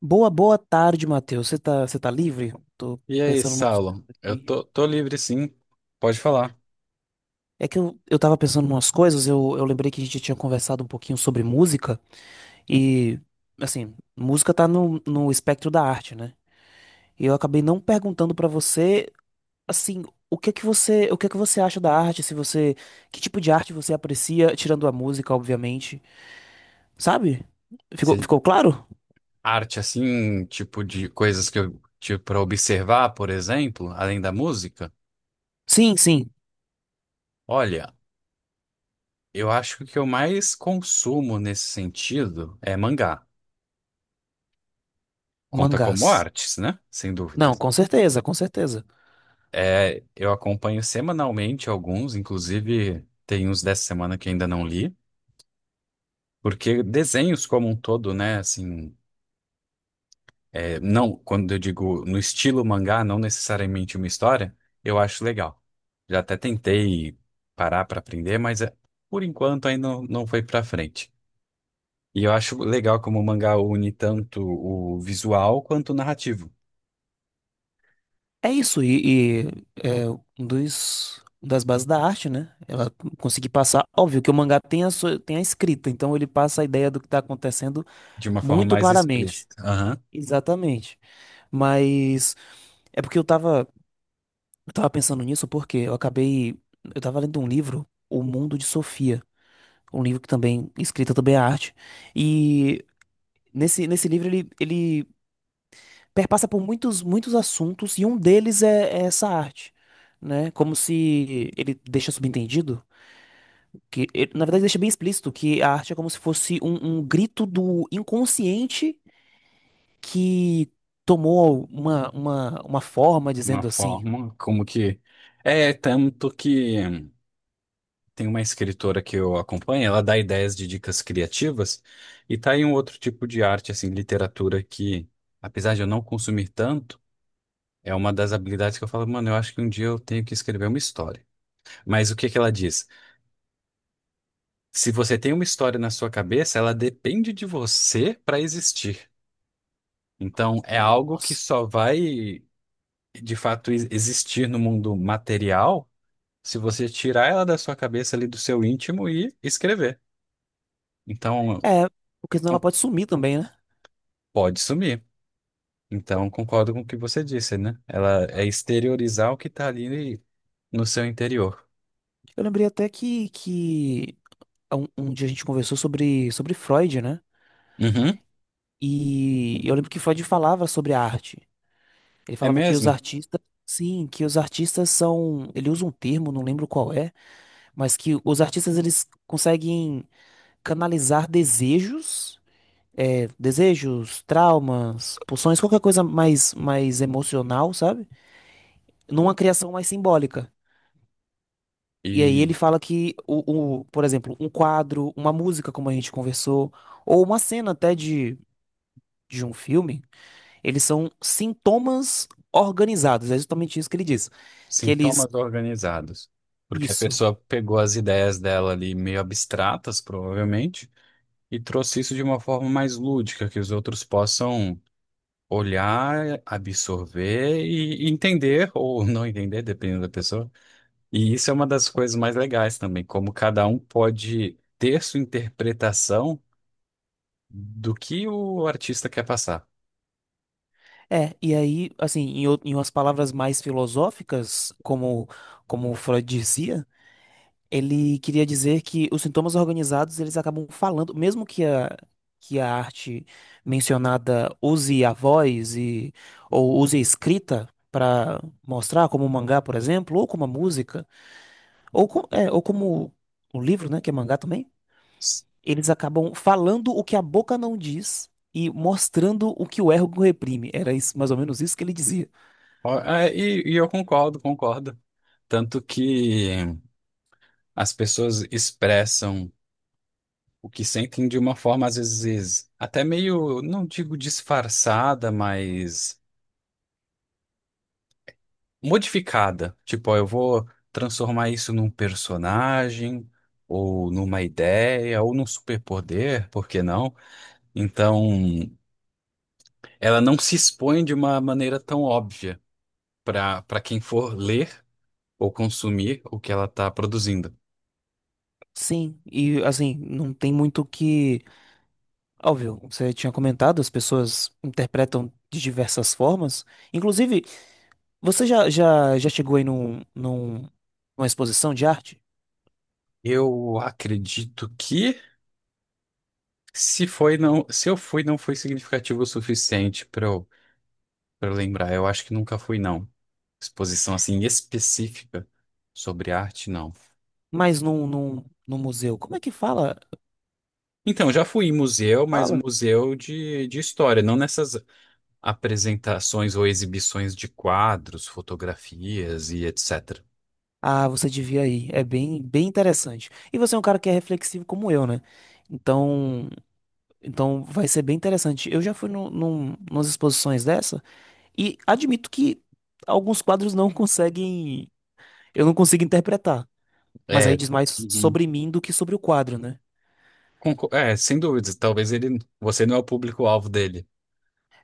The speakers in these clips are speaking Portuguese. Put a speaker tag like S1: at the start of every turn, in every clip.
S1: Boa, boa tarde, Matheus. Você tá livre? Tô
S2: E aí,
S1: pensando no coisas
S2: Saulo? Eu
S1: aqui.
S2: tô, tô livre, sim. Pode falar.
S1: É que eu tava pensando em umas coisas, eu lembrei que a gente tinha conversado um pouquinho sobre música e, assim, música tá no espectro da arte, né? E eu acabei não perguntando pra você, assim, o que é que você acha da arte, se você, que tipo de arte você aprecia, tirando a música, obviamente, sabe? Ficou,
S2: Se-
S1: ficou claro?
S2: Arte, assim, tipo de coisas que eu tive para observar, por exemplo, além da música.
S1: Sim, sim,
S2: Olha, eu acho que o que eu mais consumo nesse sentido é mangá. Conta como
S1: mangás.
S2: artes, né? Sem
S1: Não,
S2: dúvidas.
S1: com certeza, com certeza.
S2: É, eu acompanho semanalmente alguns, inclusive tem uns dessa semana que ainda não li, porque desenhos como um todo, né? Assim. É, não, quando eu digo no estilo mangá, não necessariamente uma história, eu acho legal. Já até tentei parar para aprender, mas é, por enquanto ainda não, foi para frente. E eu acho legal como o mangá une tanto o visual quanto o narrativo,
S1: É isso, e é um dos, uma das bases da arte, né? Ela conseguir passar. Óbvio que o mangá tem tem a escrita, então ele passa a ideia do que está acontecendo
S2: de uma forma
S1: muito
S2: mais
S1: claramente.
S2: explícita. Aham.
S1: Exatamente. Mas é porque eu tava pensando nisso, porque eu acabei. Eu tava lendo um livro, O Mundo de Sofia, um livro que também, escrita também é arte. E nesse livro ele perpassa por muitos assuntos e um deles é essa arte, né? Como se ele deixa subentendido que, ele, na verdade, deixa bem explícito que a arte é como se fosse um grito do inconsciente que tomou uma forma
S2: Uma
S1: dizendo assim.
S2: forma como que. É tanto que. Tem uma escritora que eu acompanho, ela dá ideias de dicas criativas e tá aí um outro tipo de arte, assim, literatura que, apesar de eu não consumir tanto, é uma das habilidades que eu falo, mano, eu acho que um dia eu tenho que escrever uma história. Mas o que que ela diz? Se você tem uma história na sua cabeça, ela depende de você para existir. Então, é algo que
S1: Nossa.
S2: só vai, de fato, existir no mundo material se você tirar ela da sua cabeça ali do seu íntimo e escrever. Então,
S1: É, porque senão ela pode sumir também, né?
S2: pode sumir. Então, concordo com o que você disse, né? Ela é exteriorizar o que tá ali no seu interior.
S1: Eu lembrei até que um dia a gente conversou sobre Freud, né?
S2: Uhum,
S1: E eu lembro que Freud falava sobre a arte. Ele
S2: é
S1: falava que os
S2: mesmo.
S1: artistas, sim, que os artistas são, ele usa um termo, não lembro qual é, mas que os artistas eles conseguem canalizar desejos, é, desejos, traumas, pulsões, qualquer coisa mais mais emocional, sabe? Numa criação mais simbólica. E aí
S2: E
S1: ele fala que por exemplo, um quadro, uma música, como a gente conversou, ou uma cena até de um filme, eles são sintomas organizados. É justamente isso que ele diz, que eles
S2: sintomas organizados. Porque a
S1: isso.
S2: pessoa pegou as ideias dela ali meio abstratas, provavelmente, e trouxe isso de uma forma mais lúdica, que os outros possam olhar, absorver e entender, ou não entender, dependendo da pessoa. E isso é uma das coisas mais legais também, como cada um pode ter sua interpretação do que o artista quer passar.
S1: É, e aí, assim, em umas palavras mais filosóficas, como Freud dizia, ele queria dizer que os sintomas organizados, eles acabam falando, mesmo que que a arte mencionada use a voz e, ou use a escrita para mostrar, como o mangá, por exemplo, ou como a música, ou, ou como o livro, né, que é mangá também,
S2: S-
S1: eles acabam falando o que a boca não diz. E mostrando o que o ego reprime. Era isso, mais ou menos isso que ele dizia.
S2: e eu concordo, concordo. Tanto que as pessoas expressam o que sentem de uma forma, às vezes, até meio, não digo disfarçada, mas modificada. Tipo, ó, eu vou transformar isso num personagem, ou numa ideia, ou num superpoder, por que não? Então, ela não se expõe de uma maneira tão óbvia para quem for ler ou consumir o que ela está produzindo.
S1: Sim, e assim, não tem muito o que. Óbvio, você tinha comentado, as pessoas interpretam de diversas formas. Inclusive, já chegou aí numa exposição de arte?
S2: Eu acredito que se foi não, se eu fui não foi significativo o suficiente para eu lembrar. Eu acho que nunca fui não. Exposição assim específica sobre arte, não.
S1: Mas num museu. Como é que fala?
S2: Então, já fui em museu, mas museu de história, não nessas apresentações ou exibições de quadros, fotografias e etc.
S1: Ah, você devia ir. É bem interessante. E você é um cara que é reflexivo como eu, né? Então, então vai ser bem interessante. Eu já fui nas exposições dessa e admito que alguns quadros não conseguem. Eu não consigo interpretar. Mas aí
S2: É.
S1: diz mais
S2: Uhum.
S1: sobre mim do que sobre o quadro, né?
S2: É, sem dúvidas. Talvez ele, você não é o público-alvo dele.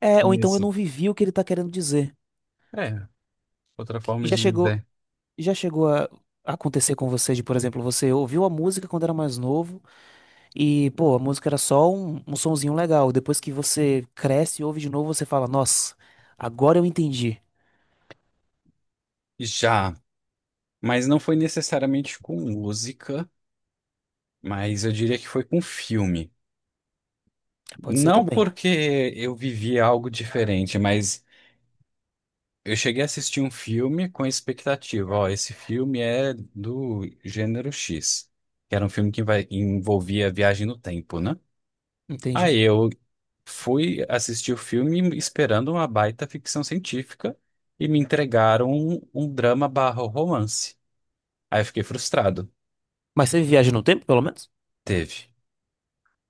S1: É, ou
S2: Tem
S1: então eu
S2: isso.
S1: não vivi o que ele tá querendo dizer.
S2: É, outra forma
S1: Já
S2: de
S1: chegou,
S2: dizer.
S1: já chegou a acontecer com você de, por exemplo, você ouviu a música quando era mais novo. E, pô, a música era só um sonzinho legal. Depois que você cresce e ouve de novo, você fala, nossa, agora eu entendi.
S2: Já, mas não foi necessariamente com música, mas eu diria que foi com filme.
S1: Pode ser
S2: Não
S1: também.
S2: porque eu vivi algo diferente, mas eu cheguei a assistir um filme com expectativa. Ó, esse filme é do gênero X, que era um filme que envolvia viagem no tempo, né?
S1: Entendi.
S2: Aí eu fui assistir o filme esperando uma baita ficção científica e me entregaram um drama barra romance. Aí eu fiquei frustrado.
S1: Mas você viaja no tempo, pelo menos?
S2: Teve,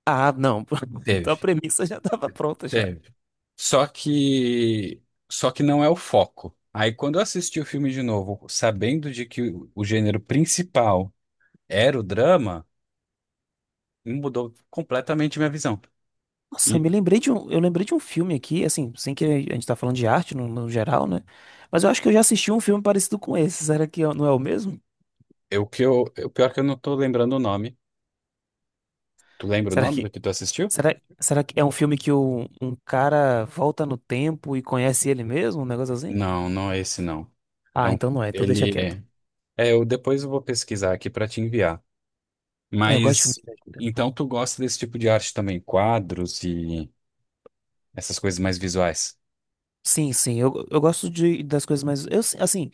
S1: Ah, não. Então a
S2: teve,
S1: premissa já tava pronta já.
S2: teve. Só que, só que não é o foco. Aí quando eu assisti o filme de novo, sabendo de que o gênero principal era o drama, mudou completamente minha visão.
S1: Nossa, eu
S2: E
S1: me lembrei de um, eu lembrei de um filme aqui, assim, sem que a gente tá falando de arte no geral, né? Mas eu acho que eu já assisti um filme parecido com esse. Será que é- não é o mesmo?
S2: o pior que eu não tô lembrando o nome. Tu lembra o
S1: Será
S2: nome
S1: que,
S2: do que tu assistiu?
S1: será que é um filme que o, um cara volta no tempo e conhece ele mesmo? Um negócio assim?
S2: Não, não é esse não. É
S1: Ah,
S2: um,
S1: então não é, então deixa quieto.
S2: ele eu depois eu vou pesquisar aqui para te enviar.
S1: É, eu gosto de filme
S2: Mas
S1: de viaja tempo.
S2: então tu gosta desse tipo de arte também, quadros e essas coisas mais visuais.
S1: Sim, sim, eu gosto de, das coisas mais. Eu, assim,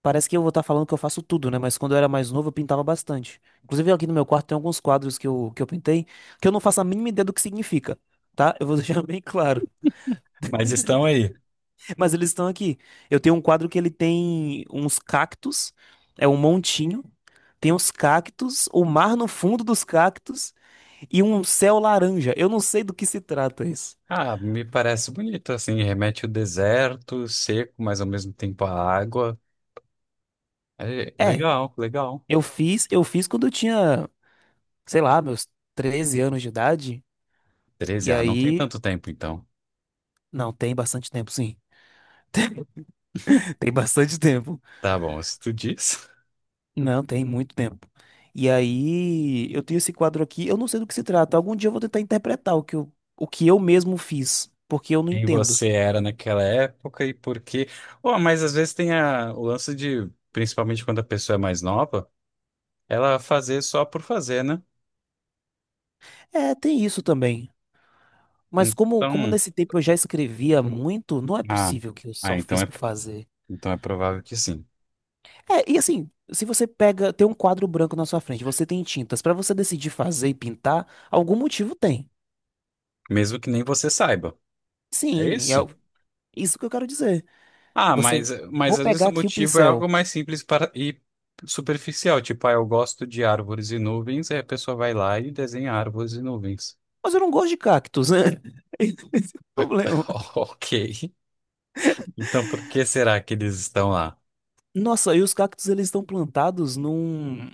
S1: parece que eu vou estar falando que eu faço tudo, né? Mas quando eu era mais novo, eu pintava bastante. Inclusive, aqui no meu quarto tem alguns quadros que eu pintei que eu não faço a mínima ideia do que significa, tá? Eu vou deixar bem claro.
S2: Mas estão aí.
S1: Mas eles estão aqui. Eu tenho um quadro que ele tem uns cactos, é um montinho, tem uns cactos, o mar no fundo dos cactos e um céu laranja. Eu não sei do que se trata isso.
S2: Ah, me parece bonito, assim, remete ao deserto, seco, mas ao mesmo tempo a água. É,
S1: É,
S2: legal, legal.
S1: eu fiz quando eu tinha, sei lá, meus 13 anos de idade.
S2: Treze,
S1: E
S2: ah, não tem
S1: aí,
S2: tanto tempo então.
S1: não, tem bastante tempo, sim. Tem bastante tempo.
S2: Tá bom, se tu diz.
S1: Não, tem muito tempo. E aí, eu tenho esse quadro aqui, eu não sei do que se trata. Algum dia eu vou tentar interpretar o que eu mesmo fiz, porque eu não
S2: Quem
S1: entendo.
S2: você era naquela época e por quê. Oh, mas às vezes tem a, o lance de, principalmente quando a pessoa é mais nova, ela fazer só por fazer, né?
S1: É, tem isso também. Mas como
S2: Então,
S1: nesse tempo eu já escrevia muito, não é
S2: ah,
S1: possível que eu
S2: ah,
S1: só fiz por fazer.
S2: então é provável que sim.
S1: É, e assim, se você pega, tem um quadro branco na sua frente, você tem tintas, pra você decidir fazer e pintar, algum motivo tem.
S2: Mesmo que nem você saiba. É
S1: Sim,
S2: isso?
S1: isso que eu quero dizer.
S2: Ah,
S1: Você,
S2: mas
S1: vou
S2: às vezes
S1: pegar
S2: o
S1: aqui o
S2: motivo é algo
S1: pincel.
S2: mais simples para, e superficial. Tipo, ah, eu gosto de árvores e nuvens, aí a pessoa vai lá e desenha árvores e nuvens.
S1: Mas eu não gosto de cactos, né? Esse é o problema.
S2: Ok. Então por que será que eles estão lá?
S1: Nossa, e os cactos eles estão plantados num.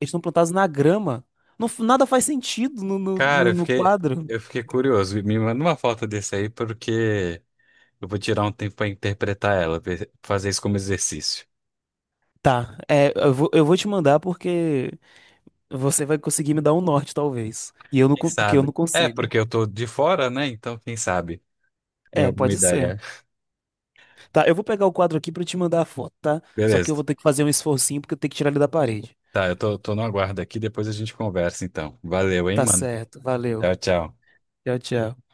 S1: Eles estão plantados na grama. Não, nada faz sentido
S2: Cara, eu
S1: no
S2: fiquei,
S1: quadro.
S2: eu fiquei curioso. Me manda uma foto desse aí, porque eu vou tirar um tempo para interpretar ela, fazer isso como exercício.
S1: Tá, é, eu vou te mandar porque você vai conseguir me dar um norte, talvez. E eu não,
S2: Quem
S1: porque eu
S2: sabe?
S1: não
S2: É,
S1: consigo.
S2: porque eu tô de fora, né? Então, quem sabe? Tem
S1: É,
S2: alguma
S1: pode ser.
S2: ideia.
S1: Tá, eu vou pegar o quadro aqui pra te mandar a foto, tá? Só que eu
S2: Beleza.
S1: vou ter que fazer um esforcinho porque eu tenho que tirar ele da parede.
S2: Tá, eu tô no aguardo aqui, depois a gente conversa, então. Valeu, hein,
S1: Tá
S2: mano?
S1: certo, valeu.
S2: Tchau, tchau.
S1: Tchau, tchau.